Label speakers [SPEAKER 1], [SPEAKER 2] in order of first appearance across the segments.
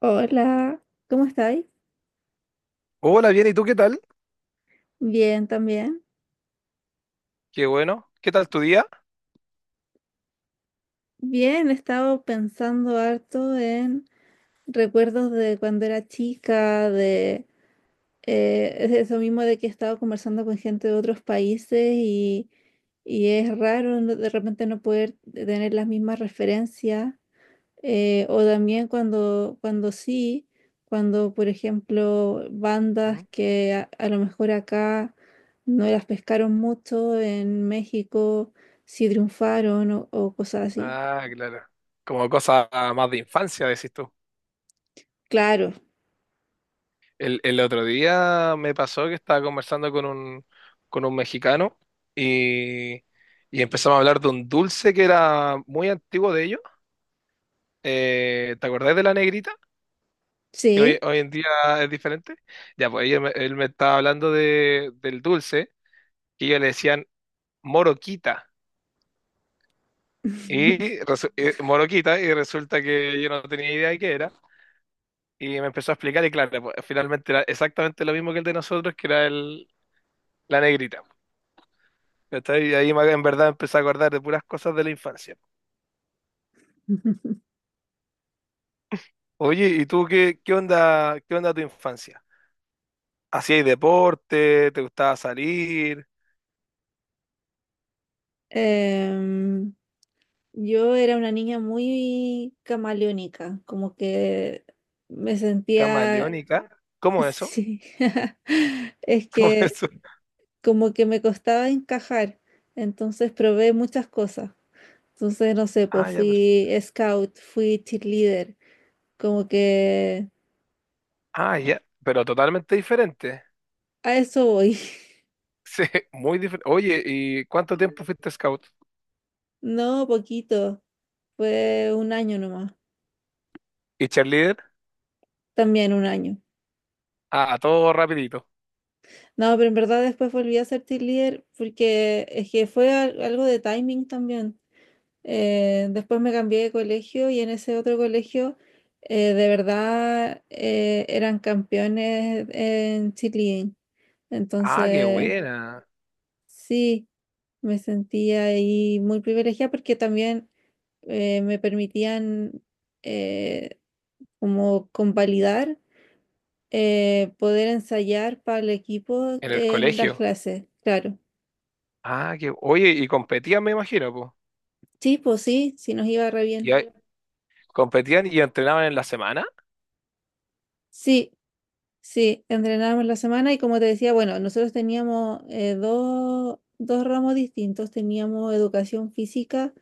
[SPEAKER 1] Hola, ¿cómo estáis?
[SPEAKER 2] Hola, bien, ¿y tú qué tal?
[SPEAKER 1] Bien, también.
[SPEAKER 2] Qué bueno. ¿Qué tal tu día?
[SPEAKER 1] Bien, he estado pensando harto en recuerdos de cuando era chica, de es eso mismo de que he estado conversando con gente de otros países y es raro de repente no poder tener las mismas referencias. O también cuando sí, cuando por ejemplo
[SPEAKER 2] ¿Mm?
[SPEAKER 1] bandas que a lo mejor acá no las pescaron mucho, en México sí triunfaron o cosas así.
[SPEAKER 2] Ah, claro. Como cosa más de infancia, decís tú.
[SPEAKER 1] Claro,
[SPEAKER 2] El otro día me pasó que estaba conversando con un mexicano y, y empezamos a hablar de un dulce que era muy antiguo de ellos. ¿Te acordás de la negrita? Que hoy,
[SPEAKER 1] sí.
[SPEAKER 2] hoy en día es diferente. Ya, pues él me estaba hablando del dulce que ellos le decían moroquita. Y, moroquita, y resulta que yo no tenía idea de qué era. Y me empezó a explicar y claro, pues, finalmente era exactamente lo mismo que el de nosotros, que era la negrita. ¿Cachai? Y en verdad empecé a acordar de puras cosas de la infancia. Oye, ¿y tú qué onda tu infancia? ¿Hacías deporte? ¿Te gustaba salir?
[SPEAKER 1] Em, yo era una niña muy camaleónica, como que me sentía,
[SPEAKER 2] ¿Camaleónica? ¿Cómo eso?
[SPEAKER 1] sí, es
[SPEAKER 2] ¿Cómo
[SPEAKER 1] que,
[SPEAKER 2] eso?
[SPEAKER 1] como que me costaba encajar, entonces probé muchas cosas. Entonces, no sé,
[SPEAKER 2] Ah,
[SPEAKER 1] pues
[SPEAKER 2] ya,
[SPEAKER 1] fui
[SPEAKER 2] perfecto.
[SPEAKER 1] scout, fui cheerleader, como que
[SPEAKER 2] Ah, ya, pero totalmente diferente.
[SPEAKER 1] a eso voy.
[SPEAKER 2] Sí, muy diferente. Oye, ¿y cuánto tiempo fuiste scout?
[SPEAKER 1] No, poquito, fue un año nomás,
[SPEAKER 2] ¿Y cheerleader?
[SPEAKER 1] también un año.
[SPEAKER 2] Ah, todo rapidito.
[SPEAKER 1] No, pero en verdad después volví a ser cheerleader porque es que fue algo de timing también. Después me cambié de colegio y en ese otro colegio de verdad eran campeones en Chile.
[SPEAKER 2] Ah, qué
[SPEAKER 1] Entonces,
[SPEAKER 2] buena.
[SPEAKER 1] sí, me sentía ahí muy privilegiada porque también me permitían eh, como convalidar, poder ensayar para el equipo
[SPEAKER 2] En el
[SPEAKER 1] en las
[SPEAKER 2] colegio.
[SPEAKER 1] clases, claro.
[SPEAKER 2] Ah, que, oye, y competían, me imagino, pues.
[SPEAKER 1] Sí, pues sí, sí nos iba re bien.
[SPEAKER 2] Ya, sí, competían y entrenaban en la semana,
[SPEAKER 1] Sí, sí, entrenábamos la semana y como te decía, bueno, nosotros teníamos dos ramos distintos, teníamos educación física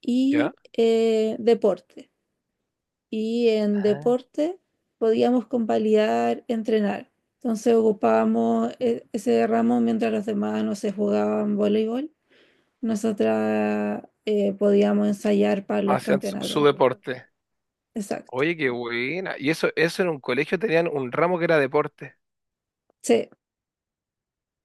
[SPEAKER 1] y
[SPEAKER 2] ¿ya?
[SPEAKER 1] deporte. Y en
[SPEAKER 2] Ah,
[SPEAKER 1] deporte podíamos convalidar, entrenar. Entonces ocupábamos ese ramo mientras los demás no se jugaban voleibol. Nosotras podíamos ensayar para los
[SPEAKER 2] hacían su sí,
[SPEAKER 1] campeonatos.
[SPEAKER 2] deporte.
[SPEAKER 1] Exacto.
[SPEAKER 2] Oye, qué buena. Y eso en un colegio tenían un ramo que era deporte.
[SPEAKER 1] Sí,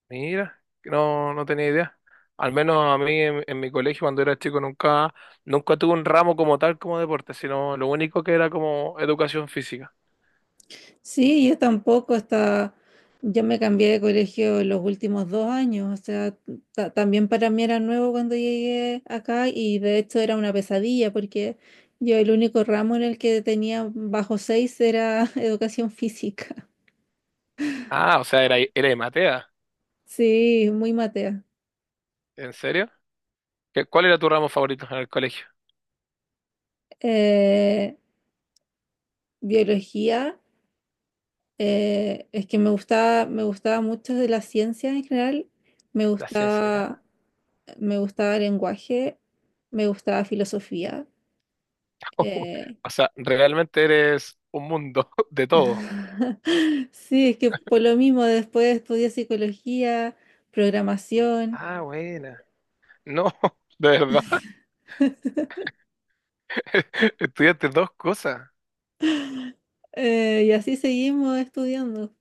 [SPEAKER 2] Mira, no, no tenía idea. Al menos a mí en mi colegio cuando era chico nunca tuve un ramo como tal como deporte, sino lo único que era como educación física.
[SPEAKER 1] sí, yo tampoco, hasta yo me cambié de colegio los últimos dos años, o sea, también para mí era nuevo cuando llegué acá y de hecho era una pesadilla porque yo el único ramo en el que tenía bajo seis era educación física.
[SPEAKER 2] Ah, o sea, era de Matea.
[SPEAKER 1] Sí, muy matea.
[SPEAKER 2] ¿En serio? Cuál era tu ramo favorito en el colegio?
[SPEAKER 1] Eh, Biología, es que me gustaba, me gustaba, mucho de la ciencia en general, me
[SPEAKER 2] La ciencia, ¿ya?
[SPEAKER 1] gustaba, me gustaba lenguaje, me gustaba filosofía. Eh,
[SPEAKER 2] O sea, realmente eres un mundo de todo.
[SPEAKER 1] sí, es que por lo mismo después estudié psicología, programación,
[SPEAKER 2] Ah, bueno. No, de verdad. Estudiaste dos cosas.
[SPEAKER 1] y así seguimos estudiando.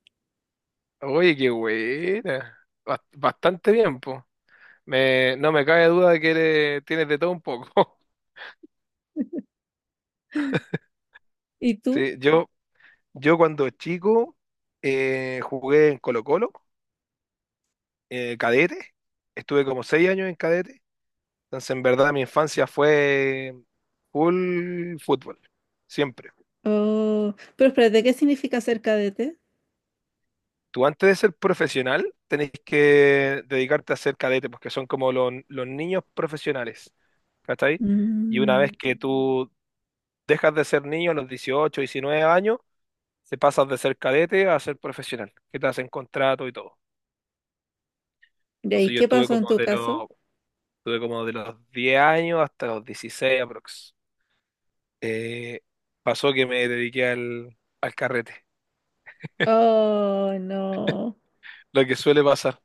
[SPEAKER 2] Oye, qué buena. Bastante bien, po. No me cabe duda de que tienes de todo un poco.
[SPEAKER 1] ¿Y tú?
[SPEAKER 2] Sí, yo cuando chico jugué en Colo-Colo, cadete. Estuve como 6 años en cadete. Entonces, en verdad, mi infancia fue full fútbol. Siempre.
[SPEAKER 1] Oh, pero espérate, ¿qué significa ser cadete?
[SPEAKER 2] Tú antes de ser profesional tenés que dedicarte a ser cadete, porque son como los niños profesionales, ¿cachai? Y una
[SPEAKER 1] Mm,
[SPEAKER 2] vez que tú dejas de ser niño a los 18, 19 años, te pasas de ser cadete a ser profesional, que te hacen contrato y todo.
[SPEAKER 1] ya, ¿y ahí
[SPEAKER 2] Entonces yo
[SPEAKER 1] qué pasó en tu caso?
[SPEAKER 2] estuve como de los 10 años hasta los 16 aprox. Eh, Pasó que me dediqué al carrete.
[SPEAKER 1] Oh, no.
[SPEAKER 2] Lo que suele pasar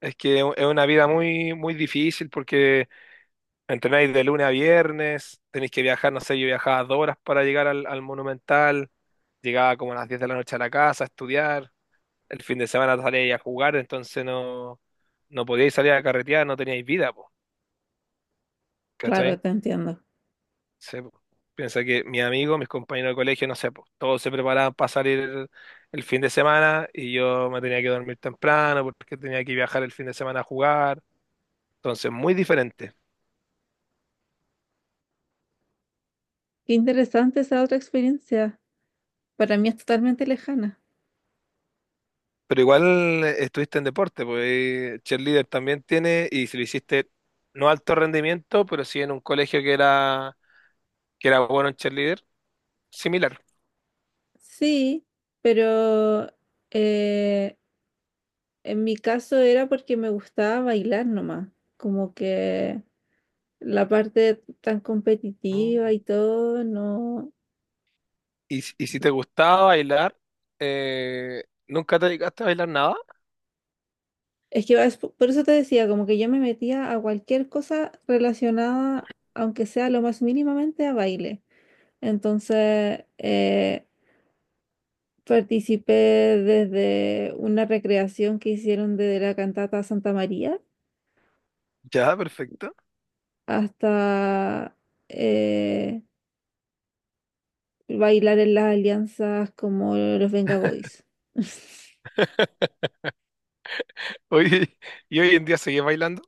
[SPEAKER 2] es que es una vida muy, muy difícil porque entrenáis de lunes a viernes, tenéis que viajar, no sé, yo viajaba 2 horas para llegar al Monumental, llegaba como a las 10 de la noche a la casa a estudiar, el fin de semana salíais a jugar, entonces no podíais salir a carretear, no teníais vida, po,
[SPEAKER 1] Claro,
[SPEAKER 2] ¿cachai?
[SPEAKER 1] te entiendo.
[SPEAKER 2] Sí, po. Piensa que mis amigos, mis compañeros de colegio, no sé, po, todos se preparaban para salir el fin de semana y yo me tenía que dormir temprano porque tenía que viajar el fin de semana a jugar, entonces muy diferente.
[SPEAKER 1] Qué interesante esa otra experiencia. Para mí es totalmente lejana.
[SPEAKER 2] Pero igual estuviste en deporte, pues cheerleader también tiene, y si lo hiciste no alto rendimiento, pero sí en un colegio que era bueno en cheerleader, similar.
[SPEAKER 1] Sí, pero eh, en mi caso era porque me gustaba bailar nomás, como que la parte tan competitiva
[SPEAKER 2] Mm.
[SPEAKER 1] y todo, no.
[SPEAKER 2] Y, si te gustaba bailar, ¿nunca te dedicaste a bailar nada?
[SPEAKER 1] Es que es por eso te decía, como que yo me metía a cualquier cosa relacionada, aunque sea lo más mínimamente, a baile. Entonces, participé desde una recreación que hicieron de la cantata Santa María
[SPEAKER 2] Ya, perfecto.
[SPEAKER 1] hasta eh, bailar en las alianzas como los Venga Boys.
[SPEAKER 2] Oye, ¿y hoy en día seguís bailando?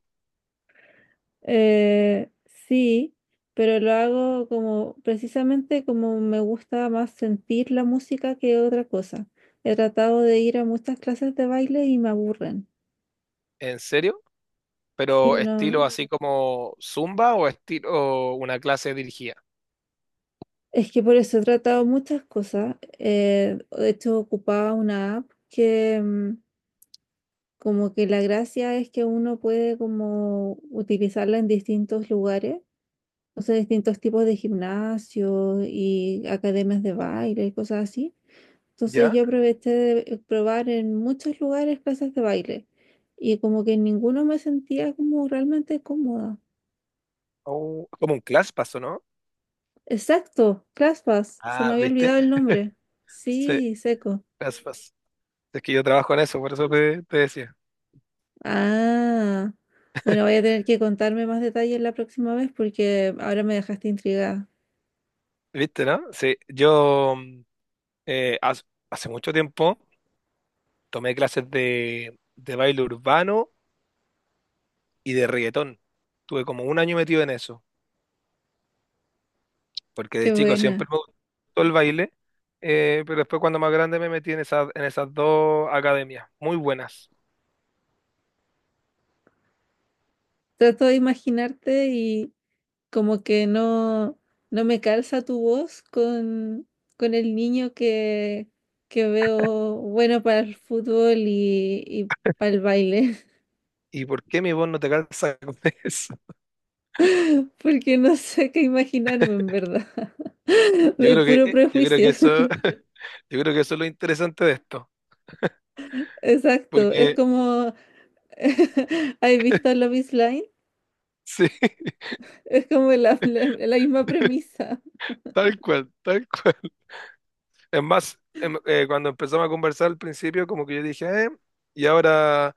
[SPEAKER 1] Sí, pero lo hago como precisamente como me gusta más sentir la música que otra cosa. He tratado de ir a muchas clases de baile y me aburren.
[SPEAKER 2] ¿En serio? ¿Pero
[SPEAKER 1] Sí,
[SPEAKER 2] estilo
[SPEAKER 1] no.
[SPEAKER 2] así como Zumba o estilo una clase dirigida?
[SPEAKER 1] Es que por eso he tratado muchas cosas. De hecho, ocupaba una app que como que la gracia es que uno puede como utilizarla en distintos lugares. O sea, distintos tipos de gimnasio y academias de baile y cosas así. Entonces
[SPEAKER 2] ¿Ya?
[SPEAKER 1] yo aproveché de probar en muchos lugares clases de baile y como que en ninguno me sentía como realmente cómoda.
[SPEAKER 2] O como un class paso, ¿no?
[SPEAKER 1] Exacto, ClassPass, se me
[SPEAKER 2] Ah,
[SPEAKER 1] había
[SPEAKER 2] ¿viste?
[SPEAKER 1] olvidado el nombre.
[SPEAKER 2] Sí,
[SPEAKER 1] Sí, seco.
[SPEAKER 2] class pass. Es que yo trabajo en eso, por eso te decía.
[SPEAKER 1] Ah, bueno, voy a tener que contarme más detalles la próxima vez porque ahora me dejaste intrigada.
[SPEAKER 2] ¿Viste, no? Sí, yo eh, haz- hace mucho tiempo tomé clases de baile urbano y de reggaetón. Tuve como un año metido en eso, porque
[SPEAKER 1] Qué
[SPEAKER 2] de chico siempre
[SPEAKER 1] buena.
[SPEAKER 2] me gustó el baile, pero después cuando más grande me metí en esas dos academias, muy buenas.
[SPEAKER 1] Trato de imaginarte y como que no, no me calza tu voz con el niño que veo bueno para el fútbol y para el baile,
[SPEAKER 2] ¿Y por qué mi voz no te calza con eso?
[SPEAKER 1] porque no sé qué imaginarme en verdad, de puro
[SPEAKER 2] Yo creo que
[SPEAKER 1] prejuicio.
[SPEAKER 2] eso, Yo creo que eso es lo interesante de esto,
[SPEAKER 1] Exacto, es
[SPEAKER 2] porque
[SPEAKER 1] como, ¿has visto Love is Blind?
[SPEAKER 2] sí,
[SPEAKER 1] Es como la misma premisa.
[SPEAKER 2] tal cual, tal cual. Es más, cuando empezamos a conversar al principio, como que yo dije, y ahora,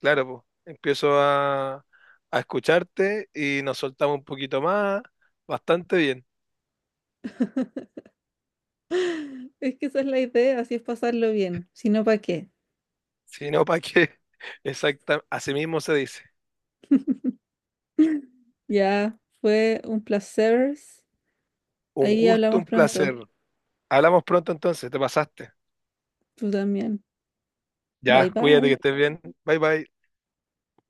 [SPEAKER 2] claro, pues, empiezo a escucharte y nos soltamos un poquito más, bastante bien.
[SPEAKER 1] Es que esa es la idea, así es pasarlo bien, si no, ¿para qué?
[SPEAKER 2] Si no, ¿para qué? Exacta, así mismo se dice.
[SPEAKER 1] Ya fue un placer.
[SPEAKER 2] Un
[SPEAKER 1] Ahí
[SPEAKER 2] gusto,
[SPEAKER 1] hablamos
[SPEAKER 2] un
[SPEAKER 1] pronto.
[SPEAKER 2] placer. Hablamos pronto entonces, te pasaste.
[SPEAKER 1] Tú también. Bye
[SPEAKER 2] Ya, cuídate que
[SPEAKER 1] bye.
[SPEAKER 2] estés bien. Bye bye.